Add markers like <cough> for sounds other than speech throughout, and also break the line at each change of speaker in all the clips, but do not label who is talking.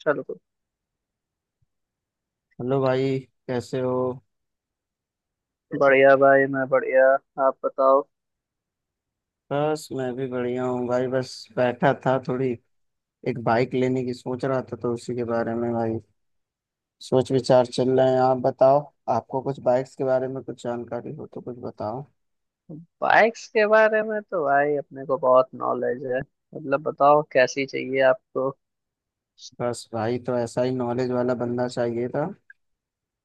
चलो।
हेलो भाई। कैसे हो?
बढ़िया भाई, मैं बढ़िया। आप बताओ।
बस मैं भी बढ़िया हूँ भाई, बस बैठा था, थोड़ी एक बाइक लेने की सोच रहा था तो उसी के बारे में भाई सोच विचार चल रहे हैं। आप बताओ, आपको कुछ बाइक्स के बारे में कुछ जानकारी हो तो कुछ बताओ।
बाइक्स के बारे में तो भाई अपने को बहुत नॉलेज है। मतलब बताओ, कैसी चाहिए आपको?
बस भाई, तो ऐसा ही नॉलेज वाला बंदा चाहिए था।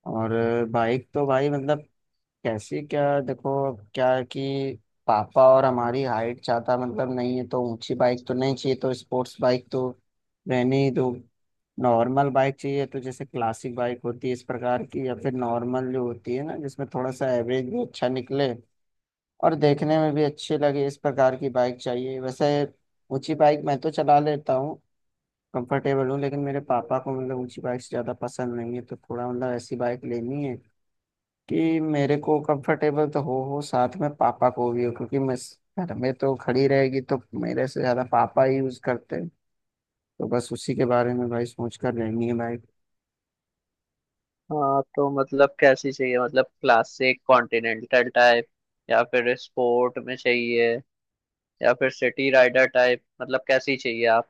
और बाइक तो भाई मतलब कैसे, क्या देखो, क्या है कि पापा और हमारी हाइट ज्यादा मतलब नहीं है, तो ऊंची बाइक तो नहीं चाहिए, तो स्पोर्ट्स बाइक तो रहने ही दो। नॉर्मल बाइक चाहिए, तो जैसे क्लासिक बाइक होती है इस प्रकार की, या फिर नॉर्मल जो होती है ना, जिसमें थोड़ा सा एवरेज भी अच्छा निकले और देखने में भी अच्छी लगे, इस प्रकार की बाइक चाहिए वैसे। ऊंची बाइक मैं तो चला लेता हूँ, कंफर्टेबल हूँ, लेकिन मेरे पापा को मतलब ऊंची बाइक से ज़्यादा पसंद नहीं है, तो थोड़ा मतलब ऐसी बाइक लेनी है कि मेरे को कंफर्टेबल तो हो, साथ में पापा को भी हो, क्योंकि मैं घर में तो खड़ी रहेगी तो मेरे से ज्यादा पापा ही यूज करते हैं। तो बस उसी के बारे में भाई सोच कर रहनी है भाई।
हाँ, तो मतलब कैसी चाहिए? मतलब क्लासिक कॉन्टिनेंटल टाइप या फिर स्पोर्ट में चाहिए, या फिर सिटी राइडर टाइप? मतलब कैसी चाहिए आप?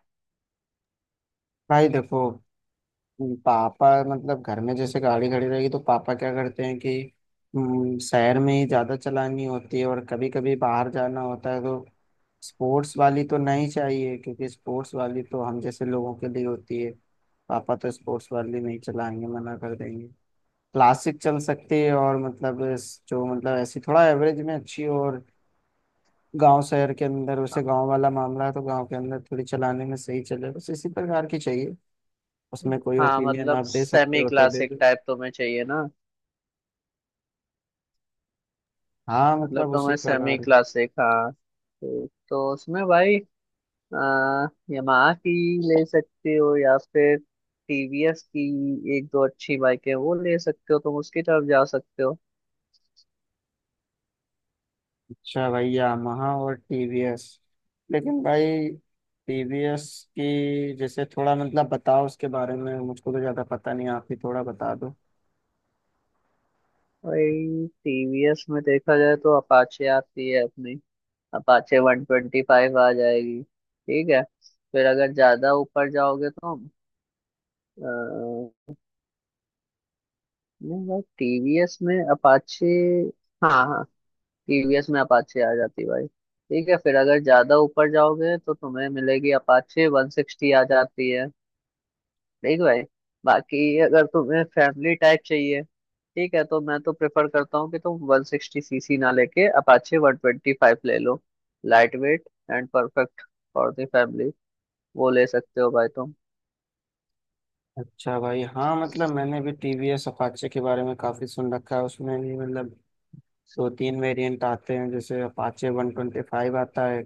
भाई देखो, पापा मतलब घर में जैसे गाड़ी खड़ी रहेगी तो पापा क्या करते हैं कि शहर में ही ज्यादा चलानी होती है और कभी कभी बाहर जाना होता है, तो स्पोर्ट्स वाली तो नहीं चाहिए, क्योंकि स्पोर्ट्स वाली तो हम जैसे लोगों के लिए होती है। पापा तो स्पोर्ट्स वाली नहीं चलाएंगे, मना कर देंगे। क्लासिक चल सकती है, और मतलब जो मतलब ऐसी थोड़ा एवरेज में अच्छी हो और गांव शहर के अंदर, वैसे गांव वाला मामला है तो गांव के अंदर थोड़ी चलाने में सही चले, बस इसी प्रकार की चाहिए। उसमें कोई
हाँ,
ओपिनियन
मतलब
आप दे सकते
सेमी
हो तो दे
क्लासिक
दो।
टाइप तुम्हें चाहिए ना?
हाँ
मतलब
मतलब उसी
तुम्हें सेमी
प्रकार।
क्लासिक। हाँ ठीक। तो उसमें भाई यामाहा की ले सकते हो, या फिर टीवीएस की एक दो अच्छी बाइक है, वो ले सकते हो। तुम उसकी तरफ जा सकते हो।
अच्छा भाई, यामाहा और टीवीएस, लेकिन भाई टीवीएस की जैसे थोड़ा मतलब बताओ उसके बारे में, मुझको तो ज्यादा पता नहीं, आप ही थोड़ा बता दो।
भाई टीवीएस में देखा जाए तो अपाचे आती है अपनी। अपाचे वन ट्वेंटी फाइव आ जाएगी, ठीक है? फिर अगर ज्यादा ऊपर जाओगे तो अ, नहीं भाई, टीवीएस में अपाचे, हाँ हाँ, टीवीएस में अपाचे आ जाती भाई। ठीक है, फिर अगर ज्यादा ऊपर जाओगे तो तुम्हें मिलेगी, अपाचे वन सिक्सटी आ जाती है। देख भाई, बाकी अगर तुम्हें फैमिली टाइप चाहिए, ठीक है, तो मैं तो प्रेफर करता हूँ कि तुम 160 सीसी ना लेके अपाचे 125 ले लो। Light weight and perfect for the family. वो ले सकते हो भाई तुम।
अच्छा भाई, हाँ मतलब मैंने भी टीवीएस अपाचे के बारे में काफी सुन रखा है। उसमें भी मतलब दो तीन वेरिएंट आते हैं, जैसे अपाचे 125 आता है,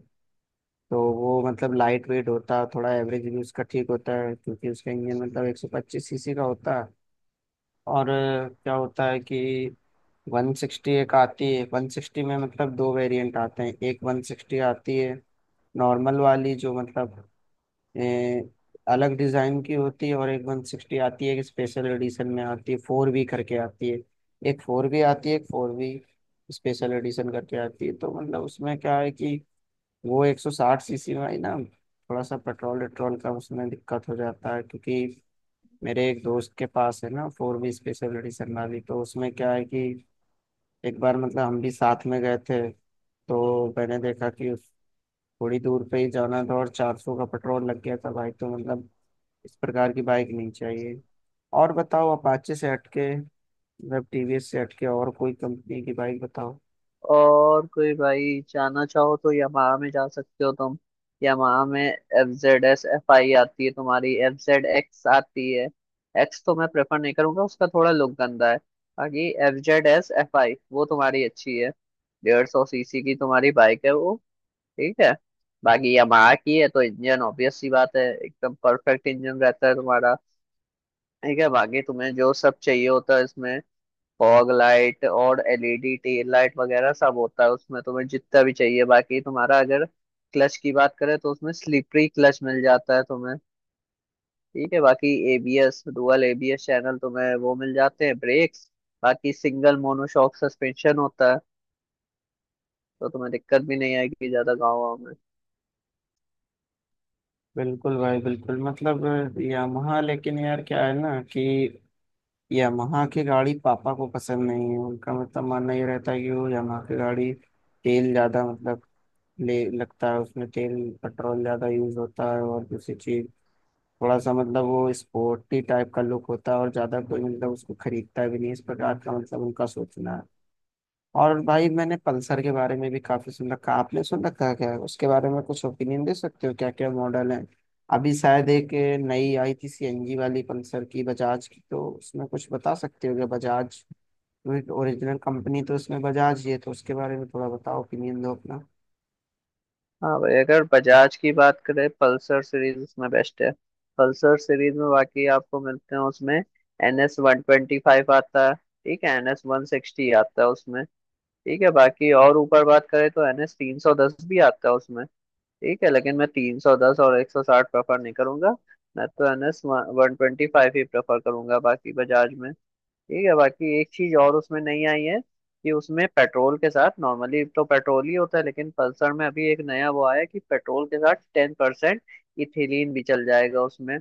तो वो मतलब लाइट वेट होता है, थोड़ा एवरेज भी उसका ठीक होता है क्योंकि उसका इंजन मतलब 125 सीसी का होता है। और क्या होता है कि 160 एक आती है, 160 में मतलब दो वेरिएंट आते हैं, एक 160 आती है नॉर्मल वाली जो मतलब ए, अलग डिजाइन की होती है, और एक 160 आती है, एक स्पेशल एडिशन में आती है, फोर बी करके आती है। एक फोर बी आती है, एक फोर बी स्पेशल एडिशन करके आती है, तो मतलब उसमें क्या है कि वो 160 सीसी में आई ना, थोड़ा सा पेट्रोल वेट्रोल का उसमें दिक्कत हो जाता है, क्योंकि मेरे एक दोस्त के पास है ना फोर बी स्पेशल एडिशन वाली, तो उसमें क्या है कि एक बार मतलब हम भी साथ में गए थे, तो मैंने देखा कि थोड़ी दूर पे ही जाना था और 400 का पेट्रोल लग गया था भाई, तो मतलब इस प्रकार की बाइक नहीं चाहिए। और बताओ अपाचे से हटके, मतलब टीवीएस से हटके और कोई कंपनी की बाइक बताओ।
और कोई भाई जाना चाहो तो यामाहा में जा सकते हो तुम। यामाहा में F Z S F I आती है, तुम्हारी एफ जेड एक्स आती है। एक्स तो मैं प्रेफर नहीं करूंगा, उसका थोड़ा लुक गंदा है। बाकी F Z S F I वो तुम्हारी अच्छी है। 150 सीसी की तुम्हारी बाइक है वो। ठीक है। बाकी यामाहा की है तो इंजन ऑब्वियस सी बात है, एकदम परफेक्ट इंजन रहता है तुम्हारा। ठीक है। बाकी तुम्हें जो सब चाहिए होता है इसमें, फॉग लाइट और एलईडी टेल लाइट वगैरह सब होता है उसमें, तुम्हें जितना भी चाहिए। बाकी तुम्हारा अगर क्लच की बात करें तो उसमें स्लिपरी क्लच मिल जाता है तुम्हें। ठीक है। बाकी एबीएस, डुअल एबीएस चैनल तुम्हें वो मिल जाते हैं ब्रेक्स। बाकी सिंगल मोनोशॉक सस्पेंशन होता है, तो तुम्हें दिक्कत भी नहीं आएगी ज्यादा गाँव वाँव में।
बिल्कुल भाई बिल्कुल, मतलब यामाहा, लेकिन यार क्या है ना कि यामाहा की गाड़ी पापा को पसंद नहीं है। उनका मतलब मानना ये रहता है कि वो यामाहा की गाड़ी तेल ज़्यादा मतलब ले लगता है उसमें तेल, पेट्रोल ज़्यादा यूज होता है, और दूसरी चीज थोड़ा सा मतलब वो स्पोर्टी टाइप का लुक होता है, और ज़्यादा कोई मतलब उसको खरीदता भी नहीं, इस प्रकार का मतलब उनका सोचना है। और भाई मैंने पल्सर के बारे में भी काफी सुन रखा, आपने सुन रखा है क्या उसके बारे में? कुछ ओपिनियन दे सकते हो, क्या क्या मॉडल है? अभी शायद एक नई आई थी सीएनजी वाली पल्सर की, बजाज की, तो उसमें कुछ बता सकते हो क्या? बजाज ओरिजिनल कंपनी तो उसमें बजाज ही है, तो उसके बारे में थोड़ा बताओ, ओपिनियन दो अपना।
हाँ भाई, अगर बजाज की बात करें, पल्सर सीरीज उसमें बेस्ट है। पल्सर सीरीज में बाकी आपको मिलते हैं उसमें, N S one twenty five आता है, ठीक है, एन एस वन सिक्सटी आता है उसमें, ठीक है। बाकी और ऊपर बात करें तो एन एस 310 भी आता है उसमें, ठीक है। लेकिन मैं 310 और 160 प्रेफर नहीं करूंगा। मैं तो N S one twenty five ही प्रेफर करूंगा बाकी बजाज में। ठीक है। बाकी एक चीज और उसमें नहीं आई है, कि उसमें पेट्रोल के साथ, नॉर्मली तो पेट्रोल ही होता है, लेकिन पल्सर में अभी एक नया वो आया कि पेट्रोल के साथ 10% इथिलीन भी चल जाएगा उसमें।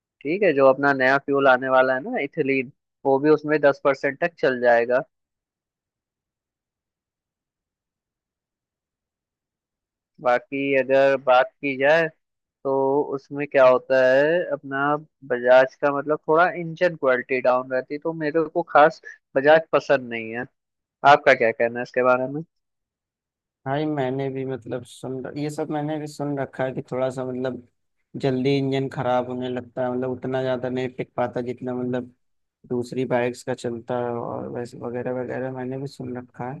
ठीक है। जो अपना नया फ्यूल आने वाला है ना, इथिलीन, वो भी उसमें 10% तक चल जाएगा। बाकी अगर बात की जाए तो उसमें क्या होता है, अपना बजाज का मतलब थोड़ा इंजन क्वालिटी डाउन रहती है, तो मेरे को खास बजाज पसंद नहीं है। आपका क्या कहना है इसके बारे में?
भाई मैंने भी मतलब ये सब मैंने भी सुन रखा है कि थोड़ा सा मतलब जल्दी इंजन खराब होने लगता है, मतलब उतना ज्यादा नहीं टिक पाता जितना मतलब दूसरी बाइक्स का चलता है, और वैसे वगैरह वगैरह मैंने भी सुन रखा है।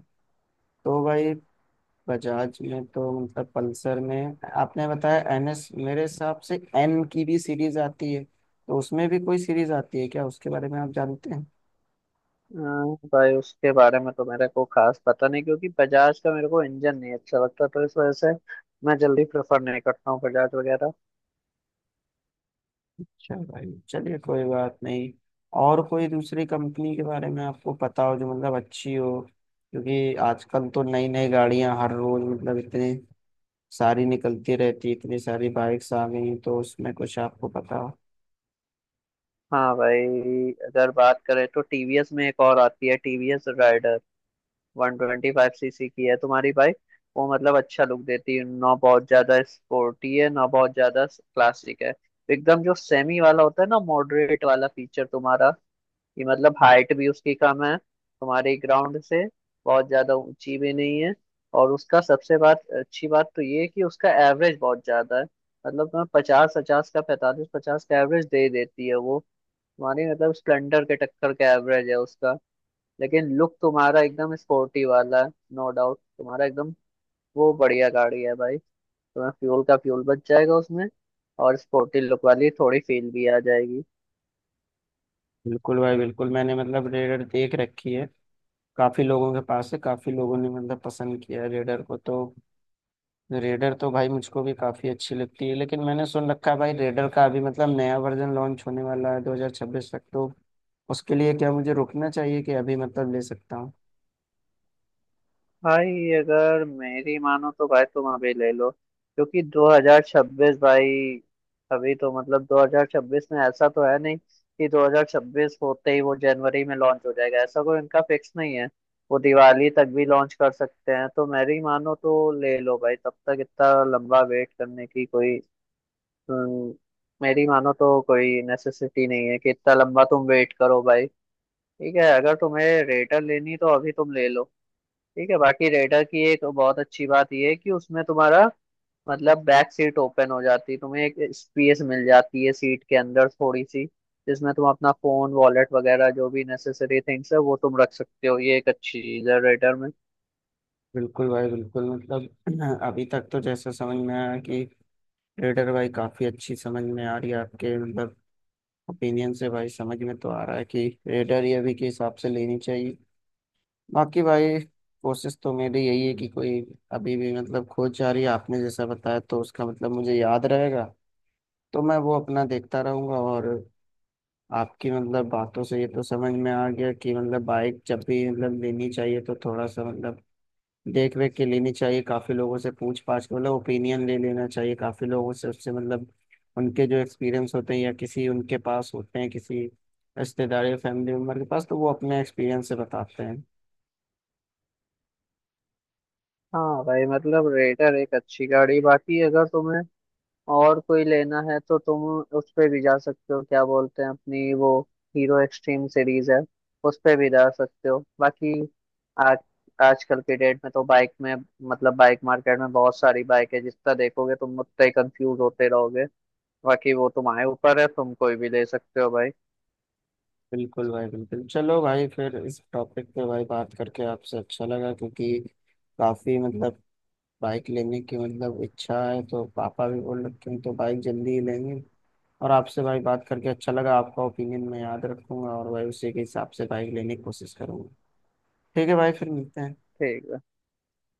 तो भाई बजाज में तो मतलब पल्सर में आपने बताया एनएस, मेरे हिसाब से एन की भी सीरीज आती है, तो उसमें भी कोई सीरीज आती है क्या, उसके बारे में आप जानते हैं?
अ, भाई उसके बारे में तो मेरे को खास पता नहीं, क्योंकि बजाज का मेरे को इंजन नहीं अच्छा लगता, तो इस वजह से मैं जल्दी प्रेफर नहीं करता हूँ बजाज वगैरह।
अच्छा भाई, चलिए कोई बात नहीं। और कोई दूसरी कंपनी के बारे में आपको पता हो जो मतलब अच्छी हो, क्योंकि आजकल तो नई नई गाड़ियां हर रोज मतलब इतनी सारी निकलती रहती है, इतनी सारी बाइक्स आ गई हैं, तो उसमें कुछ आपको पता हो।
हाँ भाई, अगर बात करें तो टीवीएस में एक और आती है, टीवीएस राइडर। 125 सीसी की है तुम्हारी बाइक। वो मतलब अच्छा लुक देती है, ना बहुत ज्यादा स्पोर्टी है, ना बहुत ज्यादा क्लासिक है। एकदम जो सेमी वाला होता है ना, मॉडरेट वाला फीचर तुम्हारा, कि मतलब हाइट भी उसकी कम है तुम्हारे ग्राउंड से, बहुत ज्यादा ऊंची भी नहीं है। और उसका सबसे बात अच्छी बात तो ये है कि उसका एवरेज बहुत ज्यादा है। मतलब तुम्हें पचास पचास का पैंतालीस पचास का एवरेज दे देती है वो। तुम्हारी मतलब स्प्लेंडर के टक्कर का एवरेज है उसका। लेकिन लुक तुम्हारा एकदम स्पोर्टी वाला है, नो डाउट तुम्हारा एकदम। वो बढ़िया गाड़ी है भाई। तुम्हें फ्यूल का फ्यूल बच जाएगा उसमें, और स्पोर्टी लुक वाली थोड़ी फील भी आ जाएगी।
बिल्कुल भाई बिल्कुल, मैंने मतलब रेडर देख रखी है, काफी लोगों के पास है, काफी लोगों ने मतलब पसंद किया है रेडर को, तो रेडर तो भाई मुझको भी काफी अच्छी लगती है, लेकिन मैंने सुन रखा है भाई रेडर का अभी मतलब नया वर्जन लॉन्च होने वाला है 2026 तक, तो उसके लिए क्या मुझे रुकना चाहिए कि अभी मतलब ले सकता हूँ?
भाई अगर मेरी मानो तो भाई तुम अभी ले लो, क्योंकि 2026 भाई, अभी तो मतलब 2026 में ऐसा तो है नहीं कि 2026 होते ही वो जनवरी में लॉन्च हो जाएगा। ऐसा कोई इनका फिक्स नहीं है, वो दिवाली तक भी लॉन्च कर सकते हैं। तो मेरी मानो तो ले लो भाई, तब तक इतना लंबा वेट करने की कोई, अम, मेरी मानो तो कोई नेसेसिटी नहीं है कि इतना लंबा तुम वेट करो भाई। ठीक है, अगर तुम्हें रेटर लेनी तो अभी तुम ले लो। ठीक है। बाकी रेडर की एक बहुत अच्छी बात यह है कि उसमें तुम्हारा मतलब बैक सीट ओपन हो जाती है, तुम्हें एक स्पेस मिल जाती है सीट के अंदर थोड़ी सी, जिसमें तुम अपना फोन, वॉलेट वगैरह जो भी नेसेसरी थिंग्स है वो तुम रख सकते हो। ये एक अच्छी चीज है रेडर में।
बिल्कुल भाई बिल्कुल मतलब <clears throat> अभी तक तो जैसा समझ में आया कि रेडर भाई काफी अच्छी समझ में आ रही है, आपके मतलब ओपिनियन से भाई समझ में तो आ रहा है कि रेडर ही अभी के हिसाब से लेनी चाहिए। बाकी भाई कोशिश तो मेरी यही है कि कोई, अभी भी मतलब खोज जारी है, आपने जैसा बताया तो उसका मतलब मुझे याद रहेगा, तो मैं वो अपना देखता रहूंगा। और आपकी मतलब बातों से ये तो समझ में आ गया कि मतलब बाइक जब भी मतलब लेनी चाहिए तो थोड़ा सा मतलब देख रेख के लेनी चाहिए, काफी लोगों से पूछ पाछ के मतलब ओपिनियन ले लेना चाहिए, काफी लोगों से उससे मतलब उनके जो एक्सपीरियंस होते हैं, या किसी उनके पास होते हैं किसी रिश्तेदार या फैमिली मेम्बर के पास, तो वो अपने एक्सपीरियंस से बताते हैं।
हाँ भाई, मतलब रेडर एक अच्छी गाड़ी। बाकी अगर तुम्हें और कोई लेना है तो तुम उस पे भी जा सकते हो। क्या बोलते हैं अपनी वो, हीरो एक्सट्रीम सीरीज है, उस पे भी जा सकते हो। बाकी आज आजकल के डेट में तो बाइक में, मतलब बाइक मार्केट में बहुत सारी बाइक है, जितना देखोगे तुम उतना ही कंफ्यूज होते रहोगे। बाकी वो तुम्हारे ऊपर है, तुम कोई भी ले सकते हो भाई।
बिल्कुल भाई बिल्कुल, चलो भाई। फिर इस टॉपिक पे भाई बात करके आपसे अच्छा लगा, क्योंकि काफी मतलब बाइक लेने की मतलब इच्छा है, तो पापा भी बोल रखे हैं तो बाइक जल्दी ही लेंगे। और आपसे भाई बात करके अच्छा लगा, आपका ओपिनियन मैं याद रखूंगा, और भाई उसी के हिसाब से बाइक लेने की कोशिश करूंगा। ठीक है भाई, फिर मिलते हैं।
ठीक है।